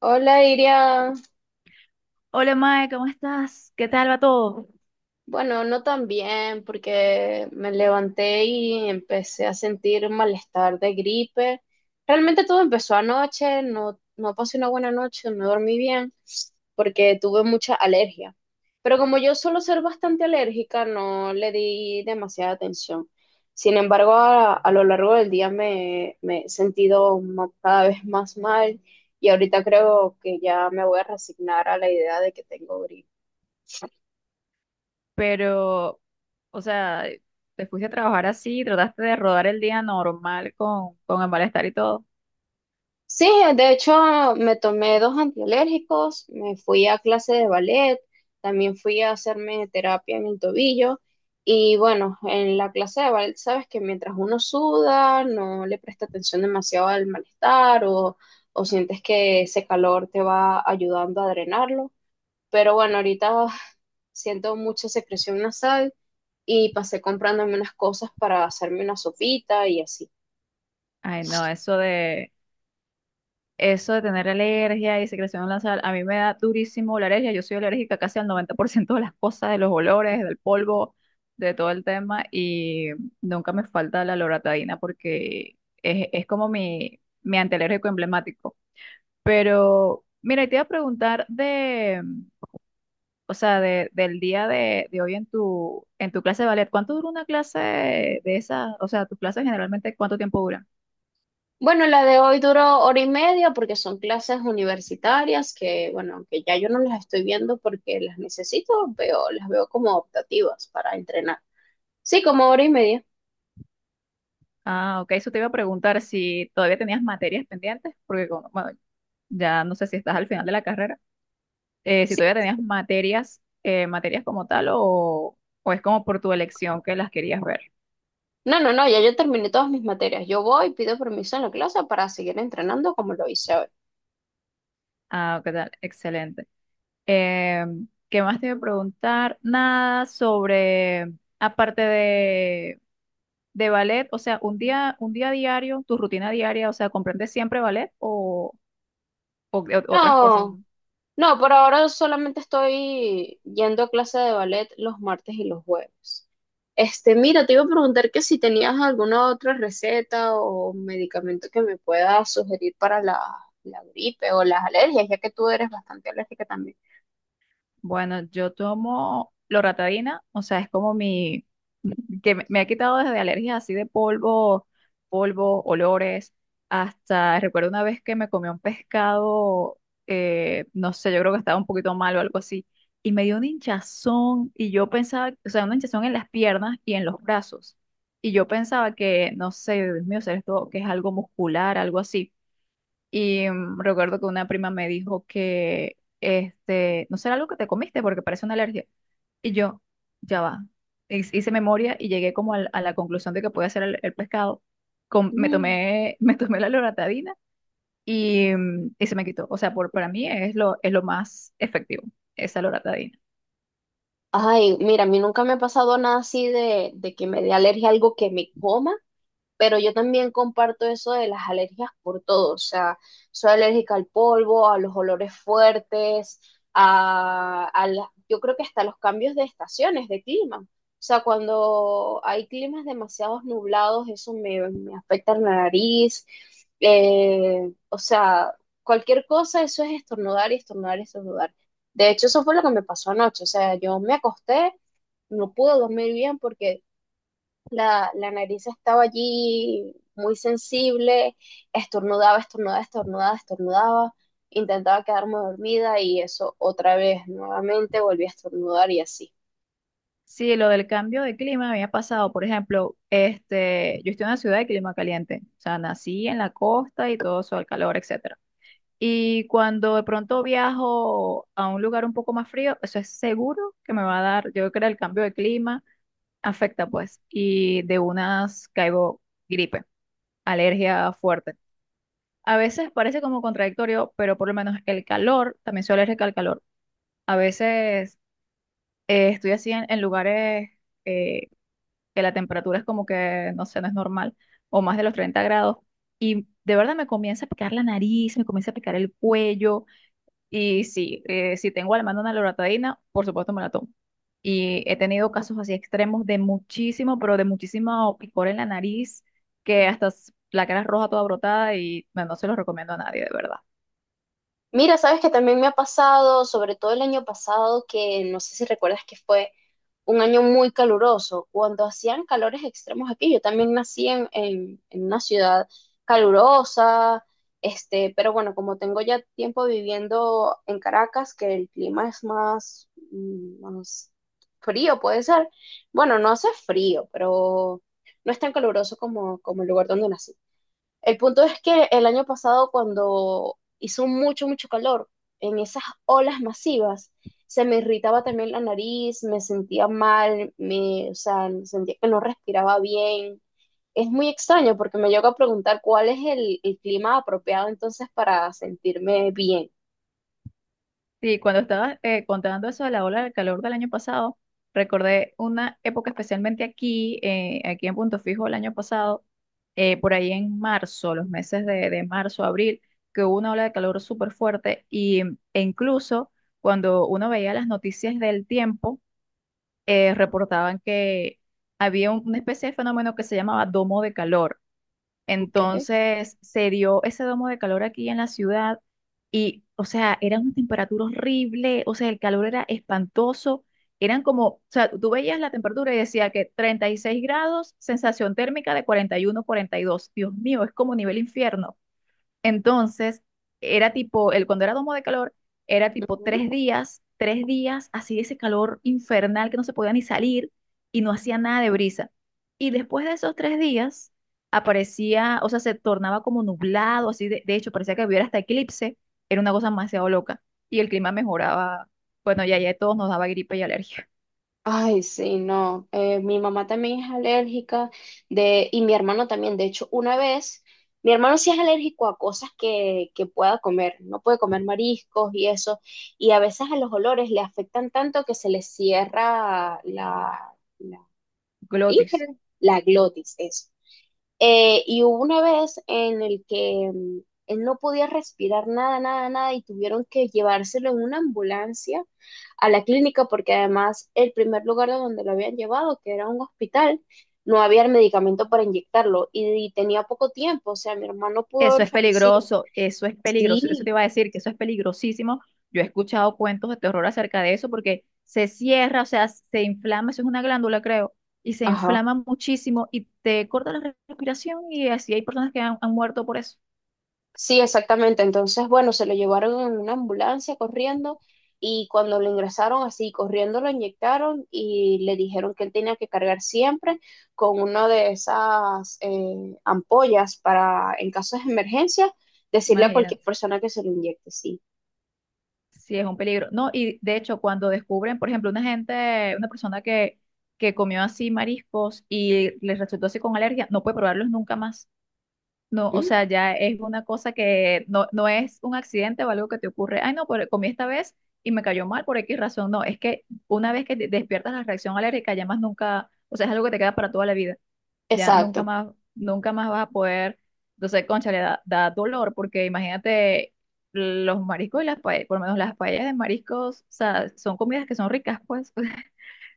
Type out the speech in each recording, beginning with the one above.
Hola, Iria. Hola, Mae, ¿cómo estás? ¿Qué tal va todo? Bueno, no tan bien porque me levanté y empecé a sentir malestar de gripe. Realmente todo empezó anoche, no, no pasé una buena noche, no dormí bien porque tuve mucha alergia. Pero como yo suelo ser bastante alérgica, no le di demasiada atención. Sin embargo, a lo largo del día me he sentido cada vez más mal y ahorita creo que ya me voy a resignar a la idea de que tengo gripe. Pero, o sea, te fuiste a trabajar así, trataste de rodar el día normal con el malestar y todo. Sí, de hecho me tomé dos antialérgicos, me fui a clase de ballet, también fui a hacerme terapia en el tobillo y bueno, en la clase de ballet sabes que mientras uno suda no le presta atención demasiado al malestar o sientes que ese calor te va ayudando a drenarlo, pero bueno, ahorita siento mucha secreción nasal y pasé comprándome unas cosas para hacerme una sopita y así. Ay, no, eso de tener alergia y secreción en la sal, a mí me da durísimo la alergia. Yo soy alérgica casi al 90% de las cosas, de los olores, del polvo, de todo el tema, y nunca me falta la loratadina porque es como mi antialérgico emblemático. Pero, mira, y te iba a preguntar de. O sea, de- del día de hoy en tu clase de ballet, ¿cuánto dura una clase de esas? O sea, tus clases generalmente, ¿cuánto tiempo duran? Bueno, la de hoy duró hora y media porque son clases universitarias que, bueno, que ya yo no las estoy viendo porque las necesito, veo, las veo como optativas para entrenar. Sí, como hora y media. Ah, ok, eso te iba a preguntar si todavía tenías materias pendientes, porque bueno, ya no sé si estás al final de la carrera, si Sí. todavía tenías materias como tal o es como por tu elección que las querías ver. No, no, no, ya yo terminé todas mis materias. Yo voy, pido permiso en la clase para seguir entrenando como lo hice hoy. Ah, qué tal, excelente. ¿Qué más te iba a preguntar? Nada sobre, aparte de ballet. O sea, un día diario, tu rutina diaria, o sea, ¿comprendes siempre ballet o otras cosas? No. ¿No? No, por ahora solamente estoy yendo a clase de ballet los martes y los jueves. Este, mira, te iba a preguntar que si tenías alguna otra receta o medicamento que me pueda sugerir para la gripe o las alergias, ya que tú eres bastante alérgica también. Bueno, yo tomo loratadina, o sea, es como mi, que me ha quitado desde alergias así de polvo, olores, hasta recuerdo una vez que me comí un pescado, no sé, yo creo que estaba un poquito mal o algo así, y me dio un hinchazón y yo pensaba, o sea, una hinchazón en las piernas y en los brazos, y yo pensaba que, no sé, Dios mío, será esto que es algo muscular, algo así. Y recuerdo que una prima me dijo que, este, no será algo que te comiste porque parece una alergia. Y yo, ya va. Hice memoria y llegué como a la conclusión de que podía ser el pescado. Me Mm. tomé, me tomé la loratadina y se me quitó. O sea, para mí es lo más efectivo, esa loratadina. Ay, mira, a mí nunca me ha pasado nada así de que me dé alergia a algo que me coma, pero yo también comparto eso de las alergias por todo, o sea, soy alérgica al polvo, a los olores fuertes, yo creo que hasta los cambios de estaciones, de clima. O sea, cuando hay climas demasiado nublados, me afecta la nariz. O sea, cualquier cosa, eso es estornudar y estornudar y estornudar. De hecho, eso fue lo que me pasó anoche. O sea, yo me acosté, no pude dormir bien porque la nariz estaba allí muy sensible, estornudaba, estornudaba, estornudaba, estornudaba, intentaba quedarme dormida y eso otra vez, nuevamente volví a estornudar y así. Sí, lo del cambio de clima me había pasado, por ejemplo, este, yo estoy en una ciudad de clima caliente. O sea, nací en la costa y todo eso, el calor, etcétera. Y cuando de pronto viajo a un lugar un poco más frío, eso es seguro que me va a dar, yo creo que el cambio de clima afecta pues, y de unas caigo gripe, alergia fuerte. A veces parece como contradictorio, pero por lo menos el calor, también soy alérgica al calor. A veces estoy así en lugares eh, que la temperatura es como que, no sé, no es normal, o más de los 30 grados, y de verdad me comienza a picar la nariz, me comienza a picar el cuello. Y sí, si tengo a la mano una loratadina, por supuesto me la tomo. Y he tenido casos así extremos de muchísimo, pero de muchísimo picor en la nariz, que hasta la cara es roja toda brotada y no, no se los recomiendo a nadie, de verdad. Mira, sabes que también me ha pasado, sobre todo el año pasado, que no sé si recuerdas que fue un año muy caluroso, cuando hacían calores extremos aquí. Yo también nací en una ciudad calurosa, este, pero bueno, como tengo ya tiempo viviendo en Caracas, que el clima es más, más frío, puede ser. Bueno, no hace frío, pero no es tan caluroso como, como el lugar donde nací. El punto es que el año pasado, cuando hizo mucho, mucho calor, en esas olas masivas, se me irritaba también la nariz, me sentía mal, o sea, sentía que no respiraba bien. Es muy extraño porque me llego a preguntar cuál es el clima apropiado entonces para sentirme bien. Sí, cuando estabas contando eso de la ola del calor del año pasado, recordé una época especialmente aquí en Punto Fijo el año pasado, por ahí en marzo, los meses de marzo, abril, que hubo una ola de calor súper fuerte e incluso cuando uno veía las noticias del tiempo, reportaban que había una especie de fenómeno que se llamaba domo de calor. ¿Ok? Entonces se dio ese domo de calor aquí en la ciudad y, o sea, era una temperatura horrible, o sea, el calor era espantoso, eran como, o sea, tú veías la temperatura y decía que 36 grados, sensación térmica de 40, 41, 42. Dios mío, es como nivel infierno. Entonces, era tipo, cuando era domo de calor, era tipo 3 días, 3 días así de ese calor infernal que no se podía ni salir y no hacía nada de brisa. Y después de esos 3 días aparecía, o sea, se tornaba como nublado, así de hecho, parecía que hubiera hasta eclipse, era una cosa demasiado loca. Y el clima mejoraba, bueno, ya, ya todos nos daba gripe y alergia. Ay, sí, no. Mi mamá también es alérgica de, y mi hermano también. De hecho, una vez, mi hermano sí es alérgico a cosas que pueda comer. No puede comer mariscos y eso. Y a veces a los olores le afectan tanto que se le cierra la, Glotis. Irgen, la glotis es. Y hubo una vez en el que él no podía respirar nada, nada, nada y tuvieron que llevárselo en una ambulancia a la clínica porque además el primer lugar de donde lo habían llevado, que era un hospital, no había el medicamento para inyectarlo y tenía poco tiempo, o sea, mi hermano pudo Eso haber es fallecido. peligroso, eso es peligroso, eso te Sí, iba a decir que eso es peligrosísimo. Yo he escuchado cuentos de terror acerca de eso porque se cierra, o sea, se inflama, eso es una glándula, creo, y se ajá. inflama muchísimo y te corta la respiración y así hay personas que han muerto por eso. Sí, exactamente. Entonces, bueno, se lo llevaron en una ambulancia corriendo y cuando lo ingresaron así corriendo lo inyectaron y le dijeron que él tenía que cargar siempre con una de esas ampollas para, en casos de emergencia, decirle a cualquier Imagínate, persona que se lo inyecte, sí. sí es un peligro. No, y de hecho cuando descubren, por ejemplo, una gente, una persona que comió así mariscos y les resultó así con alergia, no puede probarlos nunca más. No, o Mm. sea, ya es una cosa que no, no es un accidente o algo que te ocurre. Ay, no, pero comí esta vez y me cayó mal por X razón. No, es que una vez que despiertas la reacción alérgica, ya más nunca, o sea, es algo que te queda para toda la vida. Ya nunca Exacto. más, nunca más vas a poder. Entonces, concha, le da dolor porque imagínate los mariscos y las paellas, por lo menos las paellas de mariscos, o sea, son comidas que son ricas, pues.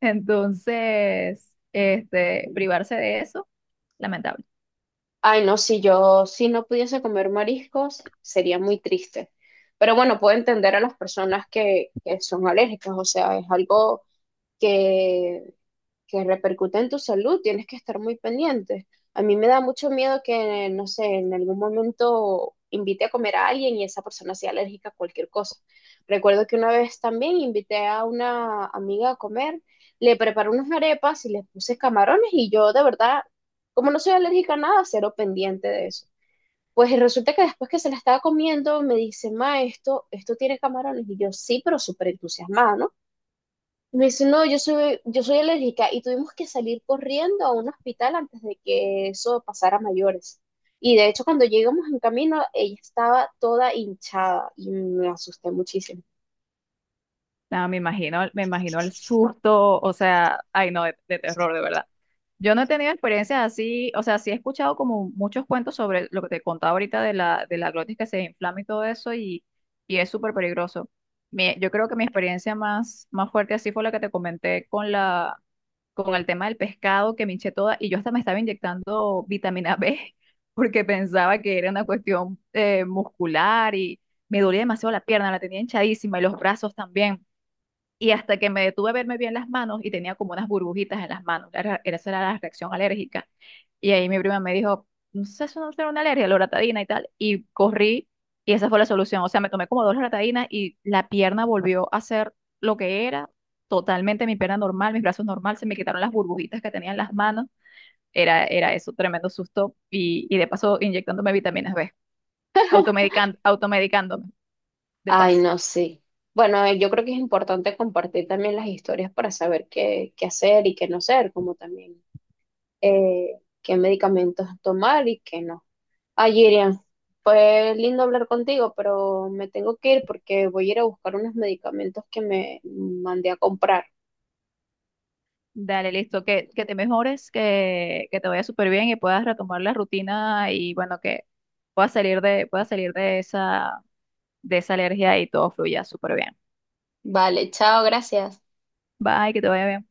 Entonces, este, privarse de eso, lamentable. Ay, no, si yo, si no pudiese comer mariscos, sería muy triste. Pero bueno, puedo entender a las personas que son alérgicas, o sea, es algo que que repercute en tu salud, tienes que estar muy pendiente. A mí me da mucho miedo que, no sé, en algún momento invite a comer a alguien y esa persona sea alérgica a cualquier cosa. Recuerdo que una vez también invité a una amiga a comer, le preparé unas arepas y le puse camarones y yo de verdad, como no soy alérgica a nada, cero pendiente de eso. Pues resulta que después que se la estaba comiendo me dice, ma, esto tiene camarones y yo sí, pero súper entusiasmada, ¿no? Me dice, no, yo soy alérgica y tuvimos que salir corriendo a un hospital antes de que eso pasara a mayores. Y de hecho, cuando llegamos en camino, ella estaba toda hinchada y me asusté muchísimo. Nada, me imagino el susto, o sea, ay, no, de terror, de verdad. Yo no he tenido experiencias así, o sea, sí he escuchado como muchos cuentos sobre lo que te contaba ahorita de la glotis que se inflama y todo eso, y es súper peligroso. Yo creo que mi experiencia más fuerte así fue la que te comenté con la, con el tema del pescado, que me hinché toda, y yo hasta me estaba inyectando vitamina B, porque pensaba que era una cuestión muscular y me dolía demasiado la pierna, la tenía hinchadísima y los brazos también. Y hasta que me detuve a verme bien las manos y tenía como unas burbujitas en las manos. Esa era la reacción alérgica. Y ahí mi prima me dijo, no sé, eso no será una alergia, la loratadina y tal. Y corrí y esa fue la solución. O sea, me tomé como dos loratadinas y la pierna volvió a ser lo que era. Totalmente mi pierna normal, mis brazos normal, se me quitaron las burbujitas que tenía en las manos. Era eso, tremendo susto. Y de paso inyectándome vitaminas B, automedicándome, de Ay, paso. no, sí. Bueno, yo creo que es importante compartir también las historias para saber qué, qué hacer y qué no hacer, como también qué medicamentos tomar y qué no. Ay, Irian, fue lindo hablar contigo, pero me tengo que ir porque voy a ir a buscar unos medicamentos que me mandé a comprar. Dale, listo. Que te mejores, que te vaya súper bien y puedas retomar la rutina y bueno, que puedas salir de esa alergia y todo fluya súper bien. Vale, chao, gracias. Bye, que te vaya bien.